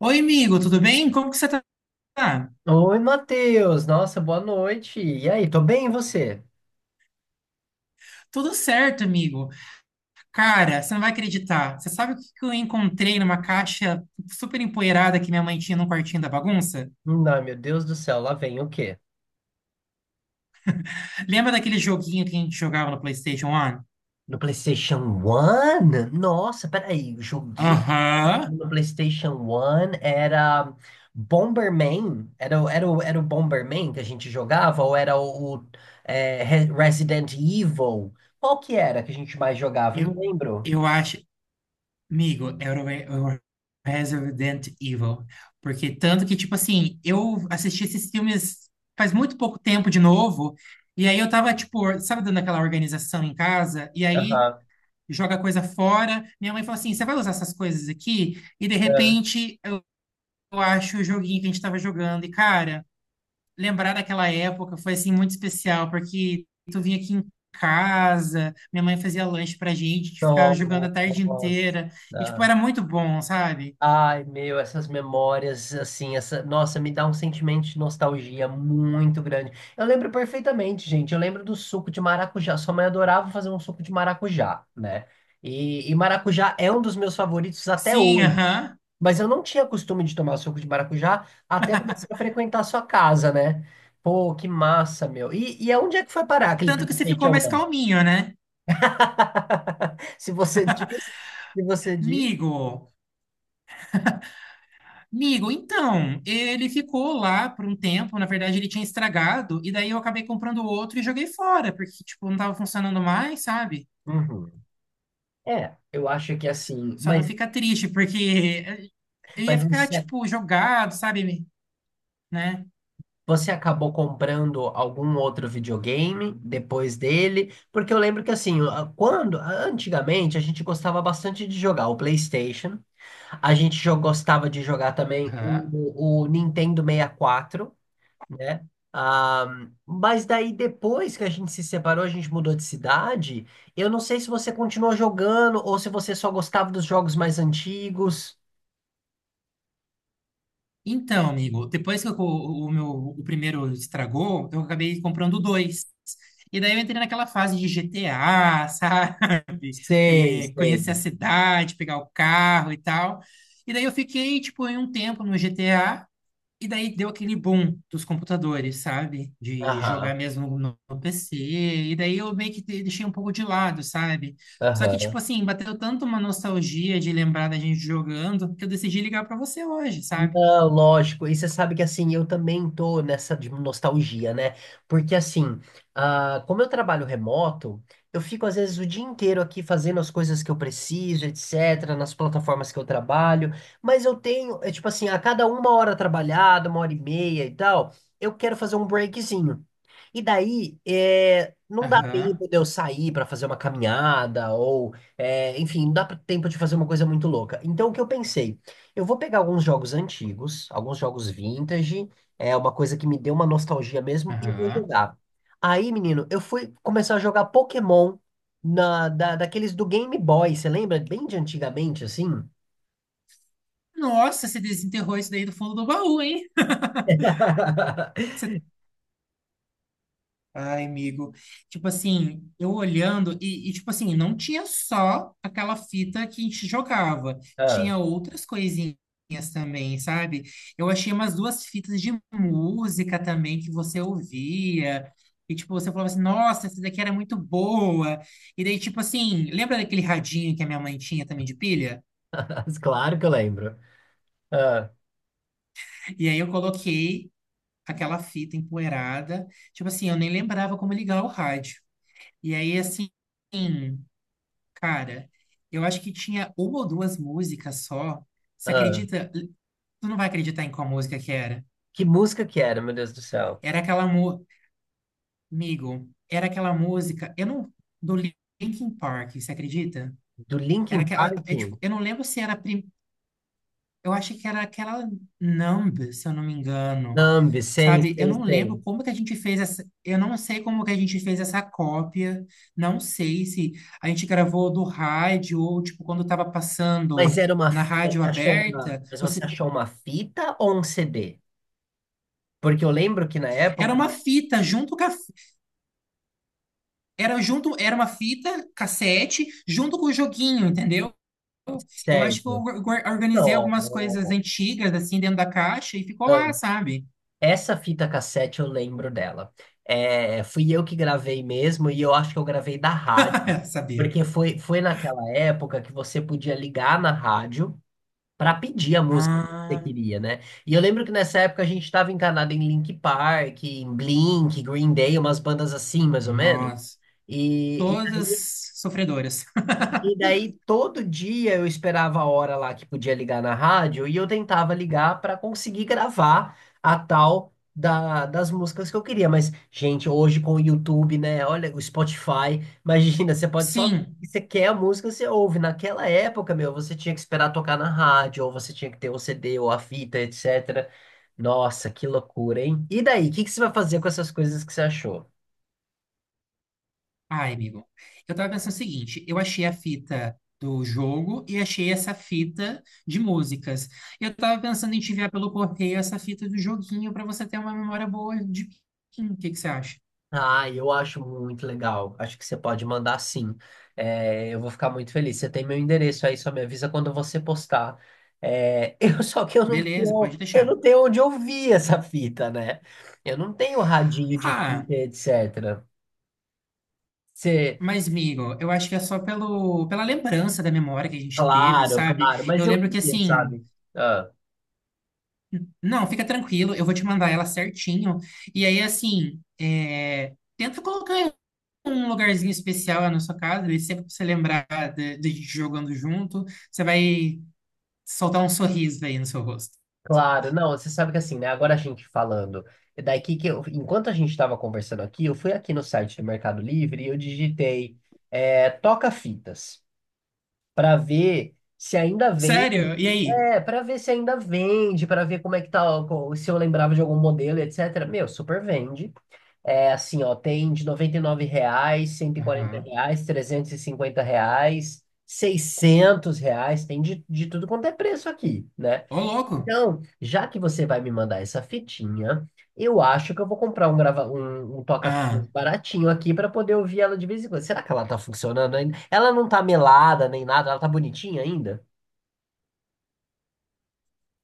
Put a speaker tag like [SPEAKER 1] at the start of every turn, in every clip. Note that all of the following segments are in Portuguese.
[SPEAKER 1] Oi, amigo, tudo bem? Como que você tá?
[SPEAKER 2] Oi, Matheus! Nossa, boa noite! E aí, tô bem, e você?
[SPEAKER 1] Tudo certo, amigo. Cara, você não vai acreditar. Você sabe o que que eu encontrei numa caixa super empoeirada que minha mãe tinha no quartinho da bagunça?
[SPEAKER 2] Não, meu Deus do céu, lá vem o quê?
[SPEAKER 1] Lembra daquele joguinho que a gente jogava no PlayStation 1?
[SPEAKER 2] No PlayStation One? Nossa, peraí, o joguinho que foi
[SPEAKER 1] Aham.
[SPEAKER 2] no PlayStation One era Bomberman? Era o Bomberman que a gente jogava? Ou era o Resident Evil? Qual que era que a gente mais jogava? Eu não
[SPEAKER 1] Eu,
[SPEAKER 2] lembro.
[SPEAKER 1] eu acho, amigo, era o Resident Evil. Porque tanto que, tipo assim, eu assisti esses filmes faz muito pouco tempo de novo. E aí eu tava, tipo, sabe, dando aquela organização em casa? E aí
[SPEAKER 2] Aham.
[SPEAKER 1] joga coisa fora. Minha mãe falou assim: você vai usar essas coisas aqui? E de repente eu acho o joguinho que a gente estava jogando. E cara, lembrar daquela época foi assim muito especial, porque tu vinha aqui em casa, minha mãe fazia lanche pra gente, a gente ficava jogando a tarde
[SPEAKER 2] Nossa.
[SPEAKER 1] inteira. E tipo, era muito bom, sabe?
[SPEAKER 2] Ai, meu, essas memórias, assim, essa, nossa, me dá um sentimento de nostalgia muito grande. Eu lembro perfeitamente, gente. Eu lembro do suco de maracujá. Sua mãe adorava fazer um suco de maracujá, né? E maracujá é um dos meus favoritos até
[SPEAKER 1] Sim,
[SPEAKER 2] hoje.
[SPEAKER 1] aham.
[SPEAKER 2] Mas eu não tinha costume de tomar suco de maracujá até começar a frequentar a sua casa, né? Pô, que massa, meu. E aonde é que foi parar aquele
[SPEAKER 1] Tanto que você ficou
[SPEAKER 2] PlayStation
[SPEAKER 1] mais
[SPEAKER 2] 1?
[SPEAKER 1] calminho, né?
[SPEAKER 2] Se você diz, se você diz.
[SPEAKER 1] Amigo, Amigo, então, ele ficou lá por um tempo, na verdade ele tinha estragado, e daí eu acabei comprando outro e joguei fora, porque, tipo, não tava funcionando mais, sabe?
[SPEAKER 2] Uhum. É, eu acho que assim,
[SPEAKER 1] Só não
[SPEAKER 2] mas
[SPEAKER 1] fica triste, porque eu ia
[SPEAKER 2] Mas
[SPEAKER 1] ficar,
[SPEAKER 2] você,
[SPEAKER 1] tipo, jogado, sabe? Né?
[SPEAKER 2] você acabou comprando algum outro videogame depois dele? Porque eu lembro que assim, quando antigamente a gente gostava bastante de jogar o PlayStation, a gente gostava de jogar também
[SPEAKER 1] Aham.
[SPEAKER 2] o Nintendo 64, né? Ah, mas daí depois que a gente se separou, a gente mudou de cidade. Eu não sei se você continuou jogando ou se você só gostava dos jogos mais antigos.
[SPEAKER 1] Então, amigo, depois que o meu o primeiro estragou, então eu acabei comprando dois. E daí eu entrei naquela fase de GTA, sabe?
[SPEAKER 2] Sei,
[SPEAKER 1] É,
[SPEAKER 2] sei.
[SPEAKER 1] conhecer a cidade, pegar o carro e tal. E daí eu fiquei, tipo, em um tempo no GTA, e daí deu aquele boom dos computadores, sabe? De jogar
[SPEAKER 2] Aham,
[SPEAKER 1] mesmo no PC. E daí eu meio que deixei um pouco de lado, sabe? Só que,
[SPEAKER 2] aham.
[SPEAKER 1] tipo assim, bateu tanto uma nostalgia de lembrar da gente jogando que eu decidi ligar pra você hoje, sabe?
[SPEAKER 2] Não, lógico. E você sabe que assim, eu também tô nessa de nostalgia, né? Porque assim, como eu trabalho remoto, eu fico às vezes o dia inteiro aqui fazendo as coisas que eu preciso, etc., nas plataformas que eu trabalho, mas eu tenho, é tipo assim, a cada uma hora trabalhada, uma hora e meia e tal, eu quero fazer um breakzinho. E daí, não dá
[SPEAKER 1] Aham,
[SPEAKER 2] tempo de eu sair para fazer uma caminhada, ou, enfim, não dá tempo de fazer uma coisa muito louca. Então, o que eu pensei? Eu vou pegar alguns jogos antigos, alguns jogos vintage, é uma coisa que me deu uma nostalgia mesmo, e vou
[SPEAKER 1] aham.
[SPEAKER 2] jogar. Aí, menino, eu fui começar a jogar Pokémon daqueles do Game Boy, você lembra? Bem de antigamente, assim?
[SPEAKER 1] Nossa, você desenterrou isso daí do fundo do baú, hein? Você- Ai, amigo. Tipo assim, eu olhando, tipo assim, não tinha só aquela fita que a gente jogava,
[SPEAKER 2] Ah,
[SPEAKER 1] tinha outras coisinhas também, sabe? Eu achei umas duas fitas de música também que você ouvia. E, tipo, você falava assim, nossa, essa daqui era muito boa. E daí, tipo assim, lembra daquele radinho que a minha mãe tinha também de pilha?
[SPEAKER 2] claro que eu lembro. Ah,
[SPEAKER 1] E aí eu coloquei aquela fita empoeirada. Tipo assim, eu nem lembrava como ligar o rádio. E aí, assim, cara, eu acho que tinha uma ou duas músicas só. Você
[SPEAKER 2] ah.
[SPEAKER 1] acredita? Tu não vai acreditar em qual música que era.
[SPEAKER 2] Que música que era, meu Deus do céu?
[SPEAKER 1] Era aquela mu... Amigo, era aquela música. Eu não. Do Linkin Park, você acredita?
[SPEAKER 2] Do
[SPEAKER 1] Era
[SPEAKER 2] Linkin
[SPEAKER 1] aquela.
[SPEAKER 2] Park?
[SPEAKER 1] É, tipo, eu não lembro se eu acho que era aquela Numb, se eu não me engano.
[SPEAKER 2] Numb, sei,
[SPEAKER 1] Sabe, eu
[SPEAKER 2] sei,
[SPEAKER 1] não
[SPEAKER 2] sei.
[SPEAKER 1] lembro como que a gente fez essa. Eu não sei como que a gente fez essa cópia. Não sei se a gente gravou do rádio ou, tipo, quando estava
[SPEAKER 2] Mas
[SPEAKER 1] passando
[SPEAKER 2] era uma,
[SPEAKER 1] na
[SPEAKER 2] fi-
[SPEAKER 1] rádio
[SPEAKER 2] você achou uma,
[SPEAKER 1] aberta.
[SPEAKER 2] mas
[SPEAKER 1] Você...
[SPEAKER 2] Você achou uma fita ou um CD? Porque eu lembro que na
[SPEAKER 1] Era
[SPEAKER 2] época.
[SPEAKER 1] uma fita junto com a... Era junto... Era uma fita cassete junto com o joguinho, entendeu? Eu acho que eu
[SPEAKER 2] Certo.
[SPEAKER 1] organizei algumas coisas
[SPEAKER 2] Não.
[SPEAKER 1] antigas, assim, dentro da caixa e ficou
[SPEAKER 2] Ah,
[SPEAKER 1] lá, sabe?
[SPEAKER 2] essa fita cassete eu lembro dela. É, fui eu que gravei mesmo e eu acho que eu gravei da rádio,
[SPEAKER 1] sabia.
[SPEAKER 2] porque foi naquela época que você podia ligar na rádio para pedir a música que você
[SPEAKER 1] Ah,
[SPEAKER 2] queria, né? E eu lembro que nessa época a gente estava encanado em Linkin Park, em Blink, Green Day, umas bandas assim, mais ou menos.
[SPEAKER 1] nossa.
[SPEAKER 2] E, e
[SPEAKER 1] Todas sofredoras.
[SPEAKER 2] E daí todo dia eu esperava a hora lá que podia ligar na rádio e eu tentava ligar para conseguir gravar a tal das músicas que eu queria. Mas, gente, hoje com o YouTube, né? Olha, o Spotify, imagina, você pode só.
[SPEAKER 1] Sim.
[SPEAKER 2] Você quer a música, você ouve. Naquela época, meu, você tinha que esperar tocar na rádio, ou você tinha que ter o CD ou a fita, etc. Nossa, que loucura, hein? E daí, o que que você vai fazer com essas coisas que você achou?
[SPEAKER 1] Ai, amigo. Eu tava pensando o seguinte, eu achei a fita do jogo e achei essa fita de músicas. Eu tava pensando em te enviar pelo correio essa fita do joguinho pra você ter uma memória boa de mim. O que que você acha?
[SPEAKER 2] Ah, eu acho muito legal. Acho que você pode mandar sim. É, eu vou ficar muito feliz. Você tem meu endereço aí, só me avisa quando você postar. Eu só que eu não
[SPEAKER 1] Beleza,
[SPEAKER 2] tenho,
[SPEAKER 1] pode
[SPEAKER 2] eu
[SPEAKER 1] deixar.
[SPEAKER 2] não tenho onde ouvir essa fita, né? Eu não tenho radinho de
[SPEAKER 1] Ah,
[SPEAKER 2] fita, etc. Você,
[SPEAKER 1] mas, amigo, eu acho que é só pela lembrança da memória que a gente teve,
[SPEAKER 2] Claro,
[SPEAKER 1] sabe?
[SPEAKER 2] claro,
[SPEAKER 1] Eu
[SPEAKER 2] mas eu
[SPEAKER 1] lembro que
[SPEAKER 2] queria,
[SPEAKER 1] assim,
[SPEAKER 2] sabe? Ah,
[SPEAKER 1] não, fica tranquilo, eu vou te mandar ela certinho. E aí, assim, é, tenta colocar um lugarzinho especial na sua casa, ele sempre pra você lembrar de gente jogando junto, você vai soltar um sorriso aí no seu rosto.
[SPEAKER 2] claro, não, você sabe que assim, né? Agora a gente falando. Daqui que eu, enquanto a gente estava conversando aqui, eu fui aqui no site do Mercado Livre e eu digitei toca-fitas para ver se ainda vende.
[SPEAKER 1] Sério? E aí?
[SPEAKER 2] É, para ver se ainda vende, para ver como é que tá, se eu lembrava de algum modelo, etc. Meu, super vende. É assim, ó, tem de R$ 99, cento e quarenta
[SPEAKER 1] Aham.
[SPEAKER 2] reais, R$ 350, R$ 600, tem de tudo quanto é preço aqui, né?
[SPEAKER 1] Ô, louco.
[SPEAKER 2] Então, já que você vai me mandar essa fitinha, eu acho que eu vou comprar um
[SPEAKER 1] Ah,
[SPEAKER 2] toca-fitas baratinho aqui para poder ouvir ela de vez em quando. Será que ela tá funcionando ainda? Ela não tá melada nem nada, ela tá bonitinha ainda?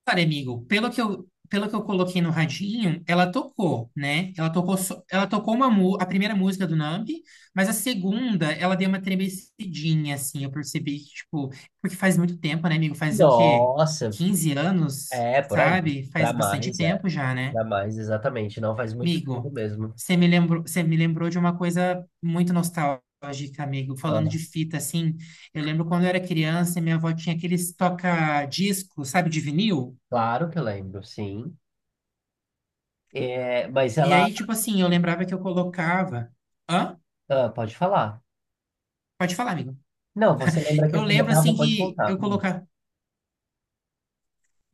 [SPEAKER 1] cara, amigo, pelo que eu coloquei no radinho, ela tocou, né? Ela tocou, só- ela tocou a primeira música do Numb, mas a segunda, ela deu uma tremecidinha, assim, eu percebi que, tipo, porque faz muito tempo, né, amigo? Faz o quê?
[SPEAKER 2] Nossa,
[SPEAKER 1] 15 anos,
[SPEAKER 2] é por aí.
[SPEAKER 1] sabe?
[SPEAKER 2] Pra
[SPEAKER 1] Faz bastante
[SPEAKER 2] mais, é.
[SPEAKER 1] tempo já, né?
[SPEAKER 2] Pra mais, exatamente. Não faz muito tempo
[SPEAKER 1] Amigo,
[SPEAKER 2] mesmo.
[SPEAKER 1] você me lembrou de uma coisa muito nostálgica, amigo. Falando de
[SPEAKER 2] Ah,
[SPEAKER 1] fita, assim, eu lembro quando eu era criança, e minha avó tinha aqueles toca-disco, sabe, de vinil.
[SPEAKER 2] claro que eu lembro, sim. É, mas
[SPEAKER 1] E
[SPEAKER 2] ela.
[SPEAKER 1] aí, tipo assim, eu lembrava que eu colocava. Hã?
[SPEAKER 2] Ah, pode falar.
[SPEAKER 1] Pode falar, amigo.
[SPEAKER 2] Não, você lembra que
[SPEAKER 1] Eu
[SPEAKER 2] eu
[SPEAKER 1] lembro,
[SPEAKER 2] colocava?
[SPEAKER 1] assim,
[SPEAKER 2] Pode
[SPEAKER 1] que
[SPEAKER 2] contar.
[SPEAKER 1] eu
[SPEAKER 2] Hum.
[SPEAKER 1] colocava.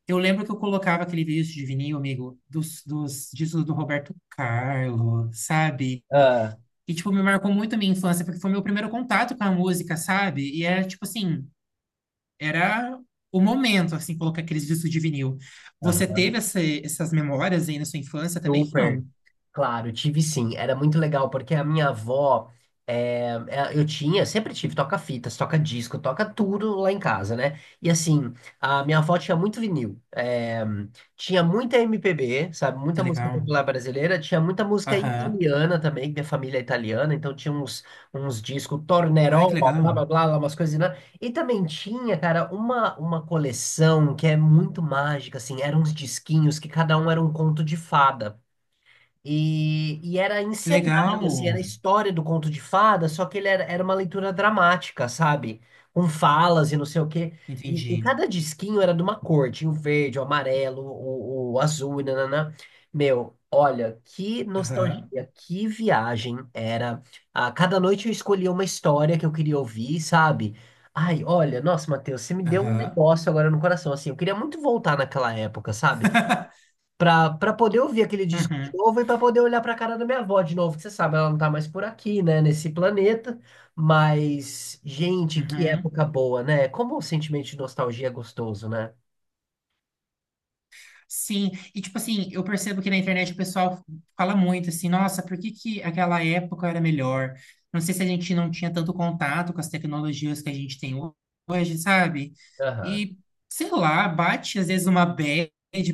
[SPEAKER 1] Eu lembro que eu colocava aquele disco de vinil, amigo, dos discos do Roberto Carlos, sabe?
[SPEAKER 2] Ah,
[SPEAKER 1] E, tipo, me marcou muito a minha infância, porque foi meu primeiro contato com a música, sabe? E era, tipo assim. Era o momento, assim, colocar aqueles discos de vinil. Você
[SPEAKER 2] aham.
[SPEAKER 1] teve essas memórias aí na sua infância também?
[SPEAKER 2] Super.
[SPEAKER 1] Não.
[SPEAKER 2] Claro, tive sim. Era muito legal porque a minha avó, sempre tive toca-fitas, toca-disco, toca tudo lá em casa, né? E assim, a minha avó tinha muito vinil, tinha muita MPB, sabe? Muita
[SPEAKER 1] Que
[SPEAKER 2] música
[SPEAKER 1] legal.
[SPEAKER 2] popular brasileira, tinha muita música
[SPEAKER 1] Aham.
[SPEAKER 2] italiana também, que minha família é italiana, então tinha uns, discos,
[SPEAKER 1] Ai, que
[SPEAKER 2] Tornerol, blá
[SPEAKER 1] legal.
[SPEAKER 2] blá blá, blá, umas coisas, né? E também tinha, cara, uma coleção que é muito mágica, assim, eram uns disquinhos que cada um era um conto de fada. E era
[SPEAKER 1] Que
[SPEAKER 2] encenado,
[SPEAKER 1] legal.
[SPEAKER 2] assim, era a história do conto de fada, só que ele era, era uma leitura dramática, sabe? Com falas e não sei o quê. E
[SPEAKER 1] Entendi.
[SPEAKER 2] cada disquinho era de uma cor, tinha o verde, o amarelo, o azul, e nananã. Meu, olha, que
[SPEAKER 1] Aham.
[SPEAKER 2] nostalgia, que viagem era. A cada noite eu escolhia uma história que eu queria ouvir, sabe? Ai, olha, nossa, Matheus, você me deu um
[SPEAKER 1] Aham.
[SPEAKER 2] negócio agora no coração, assim, eu queria muito voltar naquela época, sabe? Pra poder ouvir aquele disco de
[SPEAKER 1] Uhum.
[SPEAKER 2] novo e pra poder olhar pra cara da minha avó de novo, que você sabe, ela não tá mais por aqui, né, nesse planeta. Mas, gente, que
[SPEAKER 1] Uhum.
[SPEAKER 2] época boa, né? Como o sentimento de nostalgia é gostoso, né?
[SPEAKER 1] Sim, e tipo assim, eu percebo que na internet o pessoal fala muito assim, nossa, por que que aquela época era melhor? Não sei se a gente não tinha tanto contato com as tecnologias que a gente tem hoje, sabe?
[SPEAKER 2] Aham.
[SPEAKER 1] E sei lá, bate às vezes uma bad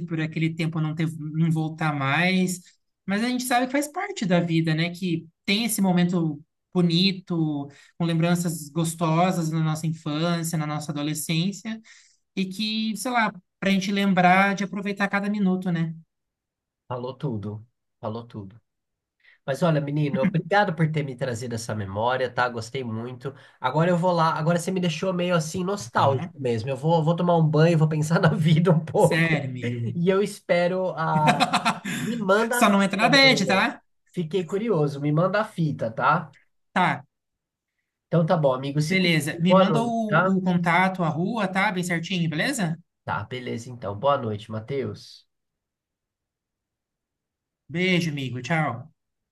[SPEAKER 1] por aquele tempo não ter, não voltar mais, mas a gente sabe que faz parte da vida, né? Que tem esse momento bonito, com lembranças gostosas na nossa infância, na nossa adolescência. E que, sei lá, pra gente lembrar de aproveitar cada minuto, né?
[SPEAKER 2] Falou tudo. Falou tudo. Mas olha, menino, obrigado por ter me trazido essa memória, tá? Gostei muito. Agora eu vou lá. Agora você me deixou meio assim
[SPEAKER 1] Aham.
[SPEAKER 2] nostálgico mesmo. Eu vou tomar um banho, vou pensar na vida um pouco.
[SPEAKER 1] Sério, Miho.
[SPEAKER 2] E eu espero a. Me manda a
[SPEAKER 1] Só não entra
[SPEAKER 2] fita,
[SPEAKER 1] na bad,
[SPEAKER 2] meu.
[SPEAKER 1] tá?
[SPEAKER 2] Fiquei curioso, me manda a fita, tá?
[SPEAKER 1] Tá,
[SPEAKER 2] Então tá bom, amigo, se cuida.
[SPEAKER 1] beleza. Me
[SPEAKER 2] Boa
[SPEAKER 1] manda
[SPEAKER 2] noite, tá?
[SPEAKER 1] o contato, a rua, tá? Bem certinho, beleza?
[SPEAKER 2] Tá, beleza então. Boa noite, Matheus.
[SPEAKER 1] Beijo, amigo. Tchau.